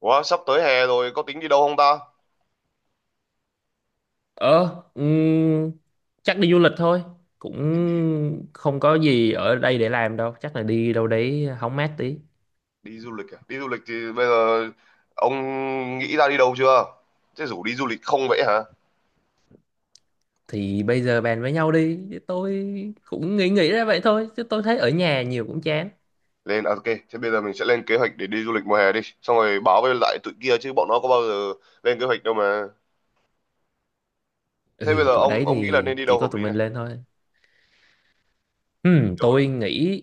Ủa, sắp tới hè rồi có tính đi đâu không ta? Ờ, ừm, chắc đi du lịch thôi. Cũng Đi, đi, không có gì ở đây để làm đâu. Chắc là đi đâu đấy hóng mát tí. đi du lịch à? Đi du lịch thì bây giờ ông nghĩ ra đi đâu chưa? Thế rủ đi du lịch không vậy hả? Thì bây giờ bàn với nhau đi. Chứ tôi cũng nghĩ nghĩ ra vậy thôi. Chứ tôi thấy ở nhà nhiều cũng chán. Lên à, ok, thế bây giờ mình sẽ lên kế hoạch để đi du lịch mùa hè đi. Xong rồi báo với lại tụi kia chứ bọn nó có bao giờ lên kế hoạch đâu mà. Thế bây Ừ, giờ tụi ông đấy ông nghĩ là thì nên đi chỉ đâu có hợp tụi lý mình này? lên thôi. Đi đâu là Tôi nghĩ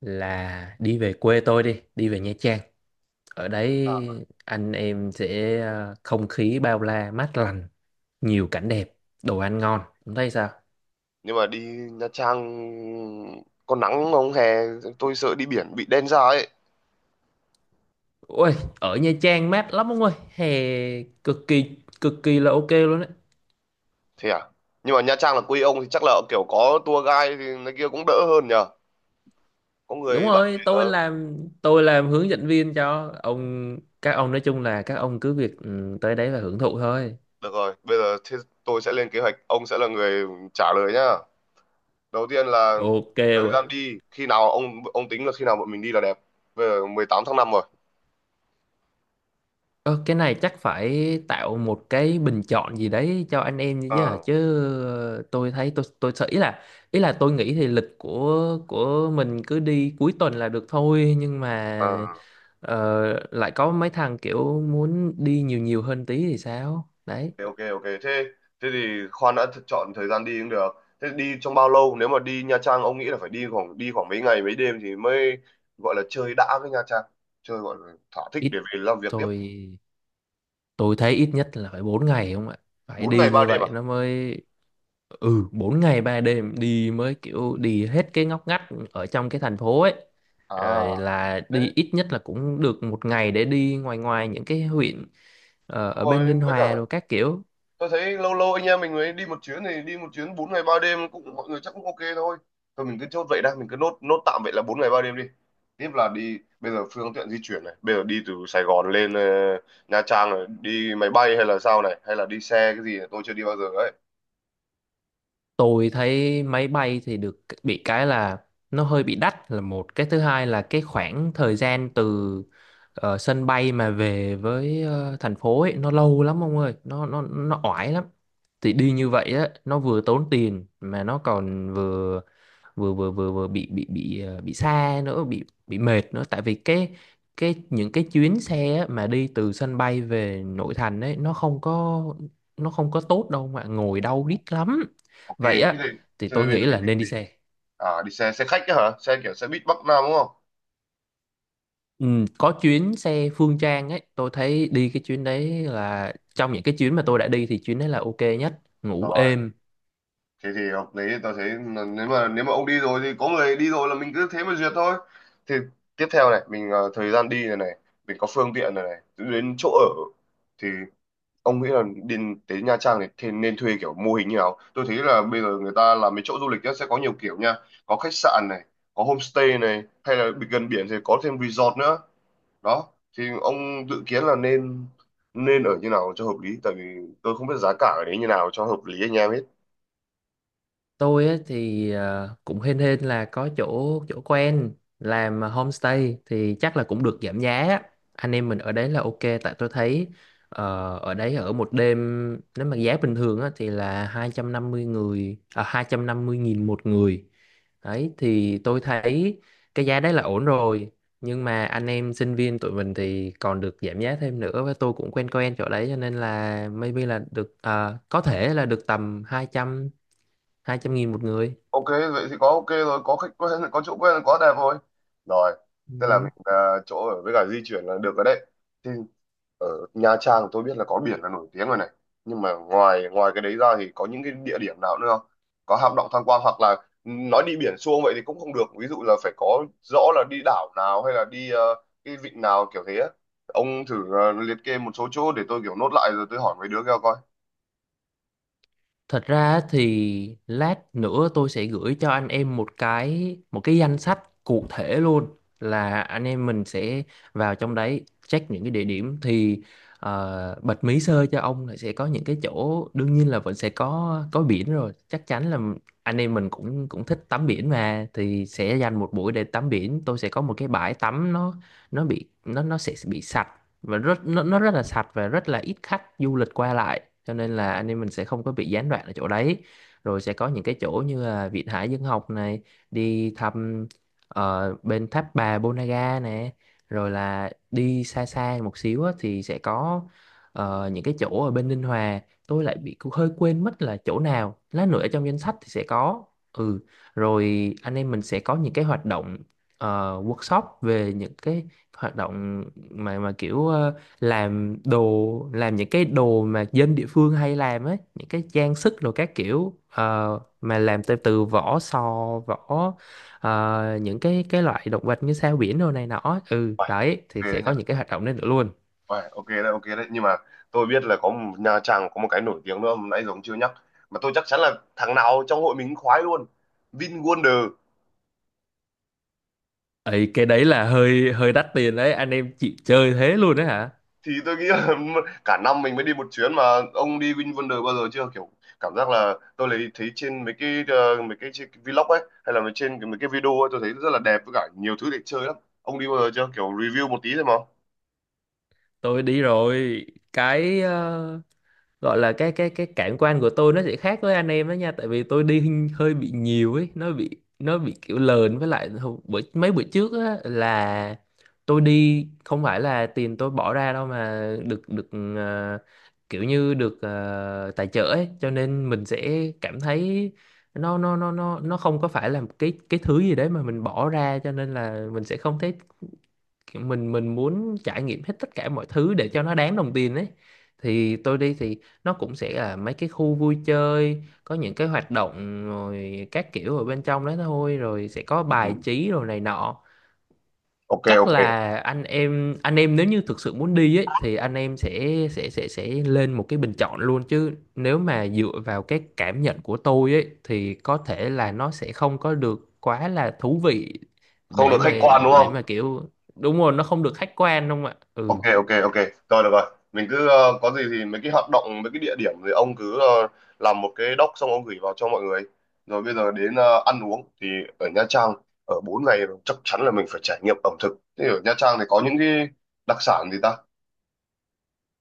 là đi về quê tôi đi. Đi về Nha Trang. Ở Nha Trang à? đấy anh em sẽ không khí bao la mát lành. Nhiều cảnh đẹp, đồ ăn ngon. Ông thấy sao? Nhưng mà đi Nha Trang có nắng không hè? Tôi sợ đi biển bị đen da ấy. Ôi, ở Nha Trang mát lắm ông ơi, hè cực kỳ cực kỳ là ok luôn đấy. Thế à? Nhưng mà Nha Trang là quê ông thì chắc là kiểu có tour guide thì nó kia cũng đỡ hơn nhỉ? Có Đúng người bạn. rồi, Ờ tôi làm hướng dẫn viên cho các ông, nói chung là các ông cứ việc tới đấy và hưởng thụ thôi. Được rồi, bây giờ thế tôi sẽ lên kế hoạch, ông sẽ là người trả lời nhá. Đầu tiên là Ok thời rồi. gian đi khi nào, ông tính là khi nào bọn mình đi là đẹp? Bây giờ 18 tháng 5 rồi. Ờ, cái này chắc phải tạo một cái bình chọn gì đấy cho anh em chứ hả? À, Tôi thấy tôi sợ ý là tôi nghĩ thì lịch của mình cứ đi cuối tuần là được thôi, nhưng mà à, Ờ, lại có mấy thằng kiểu muốn đi nhiều nhiều hơn tí thì sao? Đấy, ok ok ok, thế thế thì khoan đã, chọn thời gian đi cũng được. Thế đi trong bao lâu, nếu mà đi Nha Trang ông nghĩ là phải đi khoảng mấy ngày mấy đêm thì mới gọi là chơi đã với Nha Trang, chơi gọi là thỏa thích ít để về làm việc tiếp? tôi tôi thấy ít nhất là phải 4 ngày không ạ? Phải bốn đi ngày ba như đêm à? vậy nó mới 4 ngày 3 đêm, đi mới kiểu đi hết cái ngóc ngách ở trong cái thành phố ấy. À, Rồi là đấy, đi ít nhất là cũng được một ngày để đi ngoài ngoài những cái huyện ở đúng bên rồi, Ninh với cả Hòa rồi các kiểu. tôi thấy lâu lâu anh em mình mới đi một chuyến thì đi một chuyến 4 ngày 3 đêm cũng mọi người chắc cũng ok thôi. Thôi mình cứ chốt vậy đã, mình cứ nốt nốt tạm vậy là 4 ngày 3 đêm đi. Tiếp là đi, bây giờ phương tiện di chuyển này, bây giờ đi từ Sài Gòn lên Nha Trang này đi máy bay hay là sao này, hay là đi xe cái gì này, tôi chưa đi bao giờ ấy. Tôi thấy máy bay thì được, bị cái là nó hơi bị đắt là một, cái thứ hai là cái khoảng thời gian từ sân bay mà về với thành phố ấy nó lâu lắm ông ơi, nó oải lắm. Thì đi như vậy á nó vừa tốn tiền mà nó còn vừa vừa vừa vừa, vừa bị ờ, bị xa nữa, bị mệt nữa, tại vì cái những cái chuyến xe á, mà đi từ sân bay về nội thành ấy nó không có tốt đâu, mà ngồi đau đít lắm. Ok Vậy thế thì á thì tôi bây giờ nghĩ mình là đi nên đi gì? xe. À đi xe xe khách ấy hả, xe kiểu xe buýt Bắc Nam đúng không? Ừ, có chuyến xe Phương Trang ấy, tôi thấy đi cái chuyến đấy là trong những cái chuyến mà tôi đã đi thì chuyến đấy là ok nhất, ngủ Rồi, êm. thế thì hợp lý, tao thấy là nếu mà ông đi rồi thì có người đi rồi là mình cứ thế mà duyệt thôi. Thì tiếp theo này mình thời gian đi này này, mình có phương tiện này này, đến chỗ ở thì ông nghĩ là đi tới Nha Trang này thì nên thuê kiểu mô hình như nào? Tôi thấy là bây giờ người ta làm mấy chỗ du lịch á, sẽ có nhiều kiểu nha, có khách sạn này, có homestay này, hay là gần biển thì có thêm resort nữa đó. Thì ông dự kiến là nên nên ở như nào cho hợp lý, tại vì tôi không biết giá cả ở đấy như nào cho hợp lý anh em hết. Tôi á, thì cũng hên hên là có chỗ chỗ quen làm homestay, thì chắc là cũng được giảm giá á. Anh em mình ở đấy là ok. Tại tôi thấy ở đấy ở một đêm, nếu mà giá bình thường á, thì là 250 người à, 250.000 một người. Đấy thì tôi thấy cái giá đấy là ổn rồi, nhưng mà anh em sinh viên tụi mình thì còn được giảm giá thêm nữa, và tôi cũng quen quen chỗ đấy cho nên là maybe là ờ, có thể là được tầm 200 200.000 một người. Ok vậy thì có ok rồi, có khách quen, có chỗ quen, có đẹp rồi. Rồi, thế là Ừm. mình chỗ ở với cả di chuyển là được rồi đấy. Thì ở Nha Trang tôi biết là có biển là nổi tiếng rồi này, nhưng mà ngoài ngoài cái đấy ra thì có những cái địa điểm nào nữa không, có hang động tham quan hoặc là nói đi biển xuông vậy thì cũng không được, ví dụ là phải có rõ là đi đảo nào hay là đi cái vịnh nào kiểu thế á. Ông thử liệt kê một số chỗ để tôi kiểu nốt lại rồi tôi hỏi mấy đứa kia coi. Thật ra thì lát nữa tôi sẽ gửi cho anh em một cái danh sách cụ thể luôn, là anh em mình sẽ vào trong đấy check những cái địa điểm. Thì ờ, bật mí sơ cho ông là sẽ có những cái chỗ, đương nhiên là vẫn sẽ có biển rồi, chắc chắn là anh em mình cũng cũng thích tắm biển mà, thì sẽ dành một buổi để tắm biển. Tôi sẽ có một cái bãi tắm, nó bị nó sẽ bị sạch và rất nó rất là sạch và rất là ít khách du lịch qua lại, cho nên là anh em mình sẽ không có bị gián đoạn ở chỗ đấy. Rồi sẽ có những cái chỗ như là Viện Hải Dương Học này, đi thăm bên tháp bà Ponagar nè, rồi là đi xa xa một xíu á, thì sẽ có ờ, những cái chỗ ở bên Ninh Hòa. Tôi lại bị hơi quên mất là chỗ nào, lát nữa ở trong danh sách thì sẽ có. Ừ, rồi anh em mình sẽ có những cái hoạt động ờ, workshop về những cái hoạt động mà kiểu ờ, làm đồ, làm những cái đồ mà dân địa phương hay làm ấy, những cái trang sức rồi các kiểu, ờ, mà làm từ từ vỏ sò, vỏ ờ, những cái loại động vật như sao biển đồ này nọ. Ừ Uầy, đấy, thì về sẽ có những cái hoạt động đấy nữa luôn. Uầy, ok đấy, ok đấy. Nhưng mà tôi biết là Nha Trang có một cái nổi tiếng nữa mà nãy giờ ông chưa nhắc. Mà tôi chắc chắn là thằng nào trong hội mình cũng khoái luôn. VinWonder. Ấy, cái đấy là hơi hơi đắt tiền đấy, anh em chịu chơi thế luôn đấy hả? Thì tôi nghĩ là cả năm mình mới đi một chuyến mà. Ông đi VinWonder bao giờ chưa? Kiểu cảm giác là tôi lấy thấy trên mấy cái ờ, mấy cái, chi- vlog ấy hay là mấy cái video ấy tôi thấy rất là đẹp với cả nhiều thứ để chơi lắm. Ông đi bao giờ chưa? Kiểu review một tí thôi mà. Tôi đi rồi. Cái gọi là cái cảm quan của tôi nó sẽ khác với anh em đó nha, tại vì tôi đi hình- hơi bị nhiều ấy. Nó bị nó bị kiểu lờn. Với lại hồi- bữa, mấy bữa trước á là tôi đi không phải là tiền tôi bỏ ra đâu, mà được được ờ, kiểu như được tài trợ ấy. Cho nên mình sẽ cảm thấy nó không có phải là một cái thứ gì đấy mà mình bỏ ra, cho nên là mình sẽ không thấy kiểu mình muốn trải nghiệm hết tất cả mọi thứ để cho nó đáng đồng tiền ấy. Thì tôi đi thì nó cũng sẽ là mấy cái khu vui chơi có những cái hoạt động rồi các kiểu ở bên trong đó thôi, rồi sẽ có Ừ. bài trí rồi này nọ. Ok Chắc ok. là anh em nếu như thực sự muốn đi ấy thì anh em sẽ lên một cái bình chọn luôn, chứ nếu mà dựa vào cái cảm nhận của tôi ấy thì có thể là nó sẽ không có được quá là thú vị, Không được để mà khách quan đúng không? Kiểu đúng rồi, nó không được khách quan đúng không ạ. Ok Ừ. ok ok, rồi được rồi. Mình cứ có gì thì mấy cái hoạt động mấy cái địa điểm thì ông cứ làm một cái doc xong ông gửi vào cho mọi người. Rồi bây giờ đến ăn uống thì ở Nha Trang ở 4 ngày rồi, chắc chắn là mình phải trải nghiệm ẩm thực, thế ở Nha Trang thì có những cái đặc sản gì ta?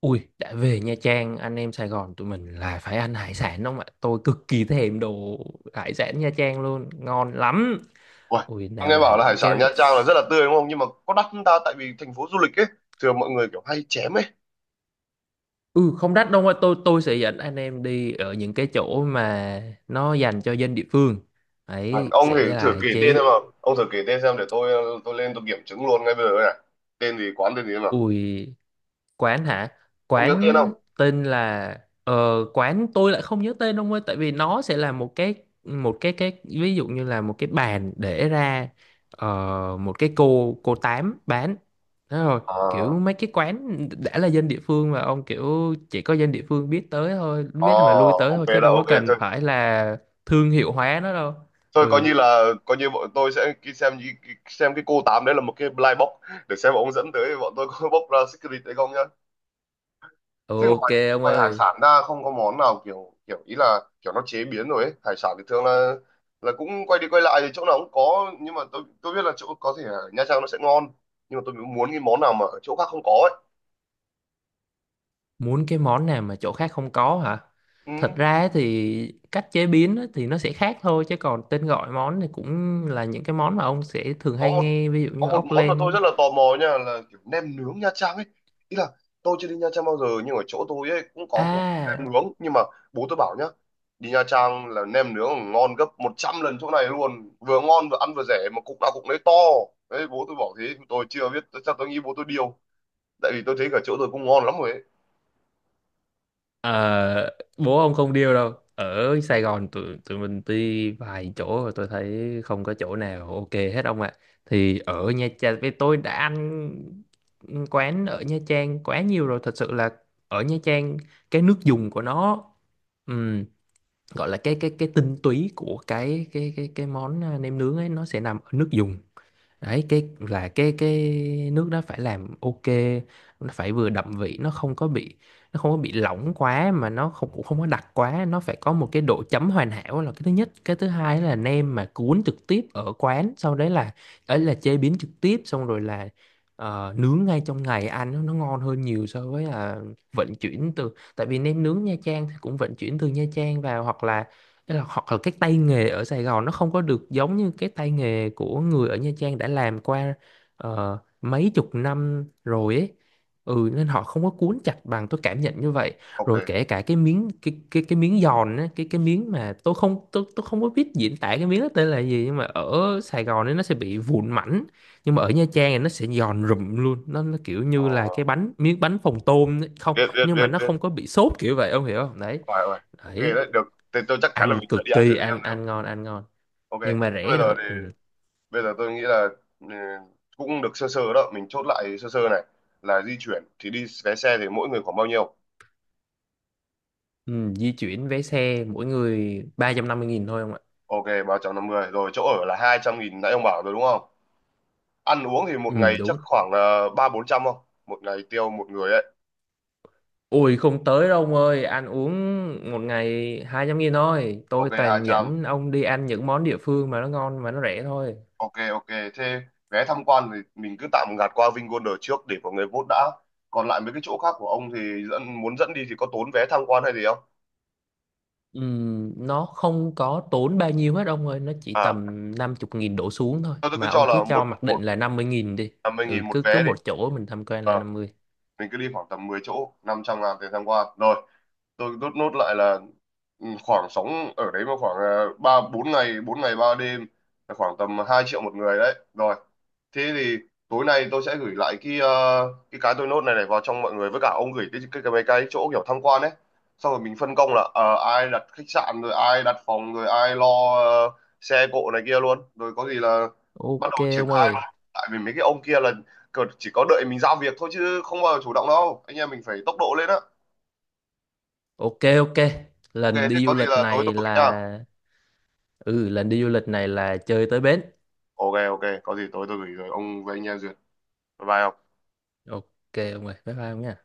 Ui, đã về Nha Trang anh em Sài Gòn tụi mình là phải ăn hải sản đúng không ạ? Tôi cực kỳ thèm đồ hải sản Nha Trang luôn, ngon lắm. Uầy, Ui, tôi nào nghe là bảo là hải những sản Nha cái… Trang là rất là tươi đúng không, nhưng mà có đắt không ta, tại vì thành phố du lịch ấy thường mọi người kiểu hay chém ấy. Ừ không đắt đâu ạ. Tôi tôi sẽ dẫn anh em đi ở những cái chỗ mà nó dành cho dân địa phương Uầy, ấy, ông thì sẽ thử là kể tên chế… xem nào, ông thử kể tên xem để tôi tôi lên tôi kiểm chứng luôn ngay bây giờ này, tên gì quán tên gì xem nào, Ui. Quán hả? ông nhớ tên không? Quán tên là ờ, quán tôi lại không nhớ tên ông ơi, tại vì nó sẽ là một cái ví dụ như là một cái bàn để ra ờ, một cái cô tám bán. Thế rồi, kiểu À. mấy cái quán đã là dân địa phương mà ông, kiểu chỉ có dân địa phương biết tới thôi, Ờ, biết mà lui tới ok thôi, chứ đó, đâu có ok cần thôi. phải là thương hiệu hóa nó đâu. Thôi coi Ừ, như là coi như bọn tôi sẽ xem cái cô tám đấy là một cái blind box để xem ông dẫn tới bọn tôi có bóc ra secret hay không nhá. Chứ ok ngoài ông ngoài hải ơi. sản ra không có món nào kiểu kiểu ý là kiểu nó chế biến rồi ấy. Hải sản thì thường là cũng quay đi quay lại thì chỗ nào cũng có, nhưng mà tôi biết là chỗ có thể ở Nha Trang nó sẽ ngon nhưng mà tôi muốn cái món nào mà ở chỗ khác không có ấy. Muốn cái món nào mà chỗ khác không có hả? Ừ. Thật ra ấy thì cách chế biến ấy thì nó sẽ khác thôi, chứ còn tên gọi món thì cũng là những cái món mà ông sẽ thường có hay một nghe, ví dụ có như một ốc món mà tôi len. rất là tò mò nha, là kiểu nem nướng Nha Trang ấy, ý là tôi chưa đi Nha Trang bao giờ nhưng ở chỗ tôi ấy cũng có kiểu À, nem nướng, nhưng mà bố tôi bảo nhá, đi Nha Trang là nem nướng ngon gấp 100 lần chỗ này luôn, vừa ngon vừa ăn vừa rẻ mà cục nào cục nấy to, đấy bố tôi bảo thế, tôi chưa biết chắc, tôi nghĩ bố tôi điêu, tại vì tôi thấy cả chỗ tôi cũng ngon lắm rồi ấy. ờ, bố ông không điêu đâu. Ở Sài Gòn tụi tụi mình đi vài chỗ rồi, tôi thấy không có chỗ nào ok hết ông ạ. Thì ở Nha Trang, với tôi đã ăn quán ở Nha Trang quá nhiều rồi, thật sự là ở Nha Trang cái nước dùng của nó, ừ, gọi là cái tinh túy của cái món, à, nem nướng ấy, nó sẽ nằm ở nước dùng. Đấy, cái là cái nước đó phải làm ok. Nó phải vừa đậm vị, nó không có bị lỏng quá, mà nó không, cũng không có đặc quá, nó phải có một cái độ chấm hoàn hảo, là cái thứ nhất. Cái thứ hai là nem mà cuốn trực tiếp ở quán, sau đấy là ấy là chế biến trực tiếp, xong rồi là nướng ngay trong ngày, ăn nó ngon hơn nhiều so với là vận chuyển từ… Tại vì nem nướng Nha Trang thì cũng vận chuyển từ Nha Trang vào, hoặc là… Tức là hoặc là cái tay nghề ở Sài Gòn nó không có được giống như cái tay nghề của người ở Nha Trang đã làm qua mấy chục năm rồi ấy. Ừ nên họ không có cuốn chặt bằng, tôi cảm nhận như vậy. Ok. Rồi kể cả cái miếng, cái miếng giòn á, cái miếng mà tôi không có biết diễn tả cái miếng đó tên là gì, nhưng mà ở Sài Gòn ấy nó sẽ bị vụn mảnh, nhưng mà ở Nha Trang thì nó sẽ giòn rụm luôn. Nó kiểu ờ, như là cái bánh, miếng bánh phồng tôm ấy. Không, Biết biết nhưng mà biết nó biết. không có bị xốp kiểu vậy, ông hiểu không? Đấy. Phải rồi. Ok Đấy, đấy, được, thì tôi chắc chắn là ăn mình sẽ đi cực ăn thử kỳ, nem ăn nướng. ăn ngon, ăn ngon, Ok nhưng mà thế rẻ bây giờ nữa. thì Ừ. bây giờ tôi nghĩ là ừ, cũng được sơ sơ đó, mình chốt lại sơ sơ này, là di chuyển thì đi vé xe thì mỗi người khoảng bao nhiêu? Ừ, di chuyển vé xe mỗi người 350.000 thôi không ạ. Ok 350 rồi, chỗ ở là 200.000 nãy ông bảo rồi đúng không? Ăn uống thì một Ừ ngày chắc đúng. khoảng là ba bốn trăm không, một ngày tiêu một người ấy? Ui không tới đâu ông ơi, ăn uống một ngày 200.000 thôi, tôi Ok hai toàn trăm dẫn ông đi ăn những món địa phương mà nó ngon mà nó rẻ thôi. Ok ok thế vé tham quan thì mình cứ tạm gạt qua Vingolder trước để mọi người vote đã, còn lại mấy cái chỗ khác của ông thì muốn dẫn đi thì có tốn vé tham quan hay gì không? Ừ, nó không có tốn bao nhiêu hết ông ơi, nó chỉ À, tầm 50 nghìn đổ xuống thôi, tôi cứ mà cho ông cứ là cho một mặc một định là 50.000 đi. 50.000 Ừ một cứ cứ vé đi, một chỗ mình tham quan là năm mươi. mình cứ đi khoảng tầm 10 chỗ 500.000 tiền tham quan rồi. Tôi rút nốt lại là ừ, khoảng sóng ở đấy mà khoảng ba bốn ngày 4 ngày 3 đêm là khoảng tầm 2 triệu một người đấy rồi. Thế thì tối nay tôi sẽ gửi lại cái cái tôi nốt này này vào trong mọi người, với cả ông gửi cái mấy cái chỗ kiểu tham quan ấy, xong rồi mình phân công là ai đặt khách sạn rồi ai đặt phòng rồi ai lo ờ, xe cộ này kia luôn, rồi có gì là bắt Ok đầu triển ông khai luôn, ơi. tại vì mấy cái ông kia là chỉ có đợi mình giao việc thôi chứ không bao giờ chủ động đâu, anh em mình phải tốc độ lên á. Ok ok, Ok lần thế đi có du gì lịch là tối tôi này gửi nha. là… Ừ lần đi du lịch này là chơi tới bến. Ok ok có gì tối tôi gửi rồi ông với anh em duyệt. Bye bye ông. Ok ông ơi, bye bye ông nha.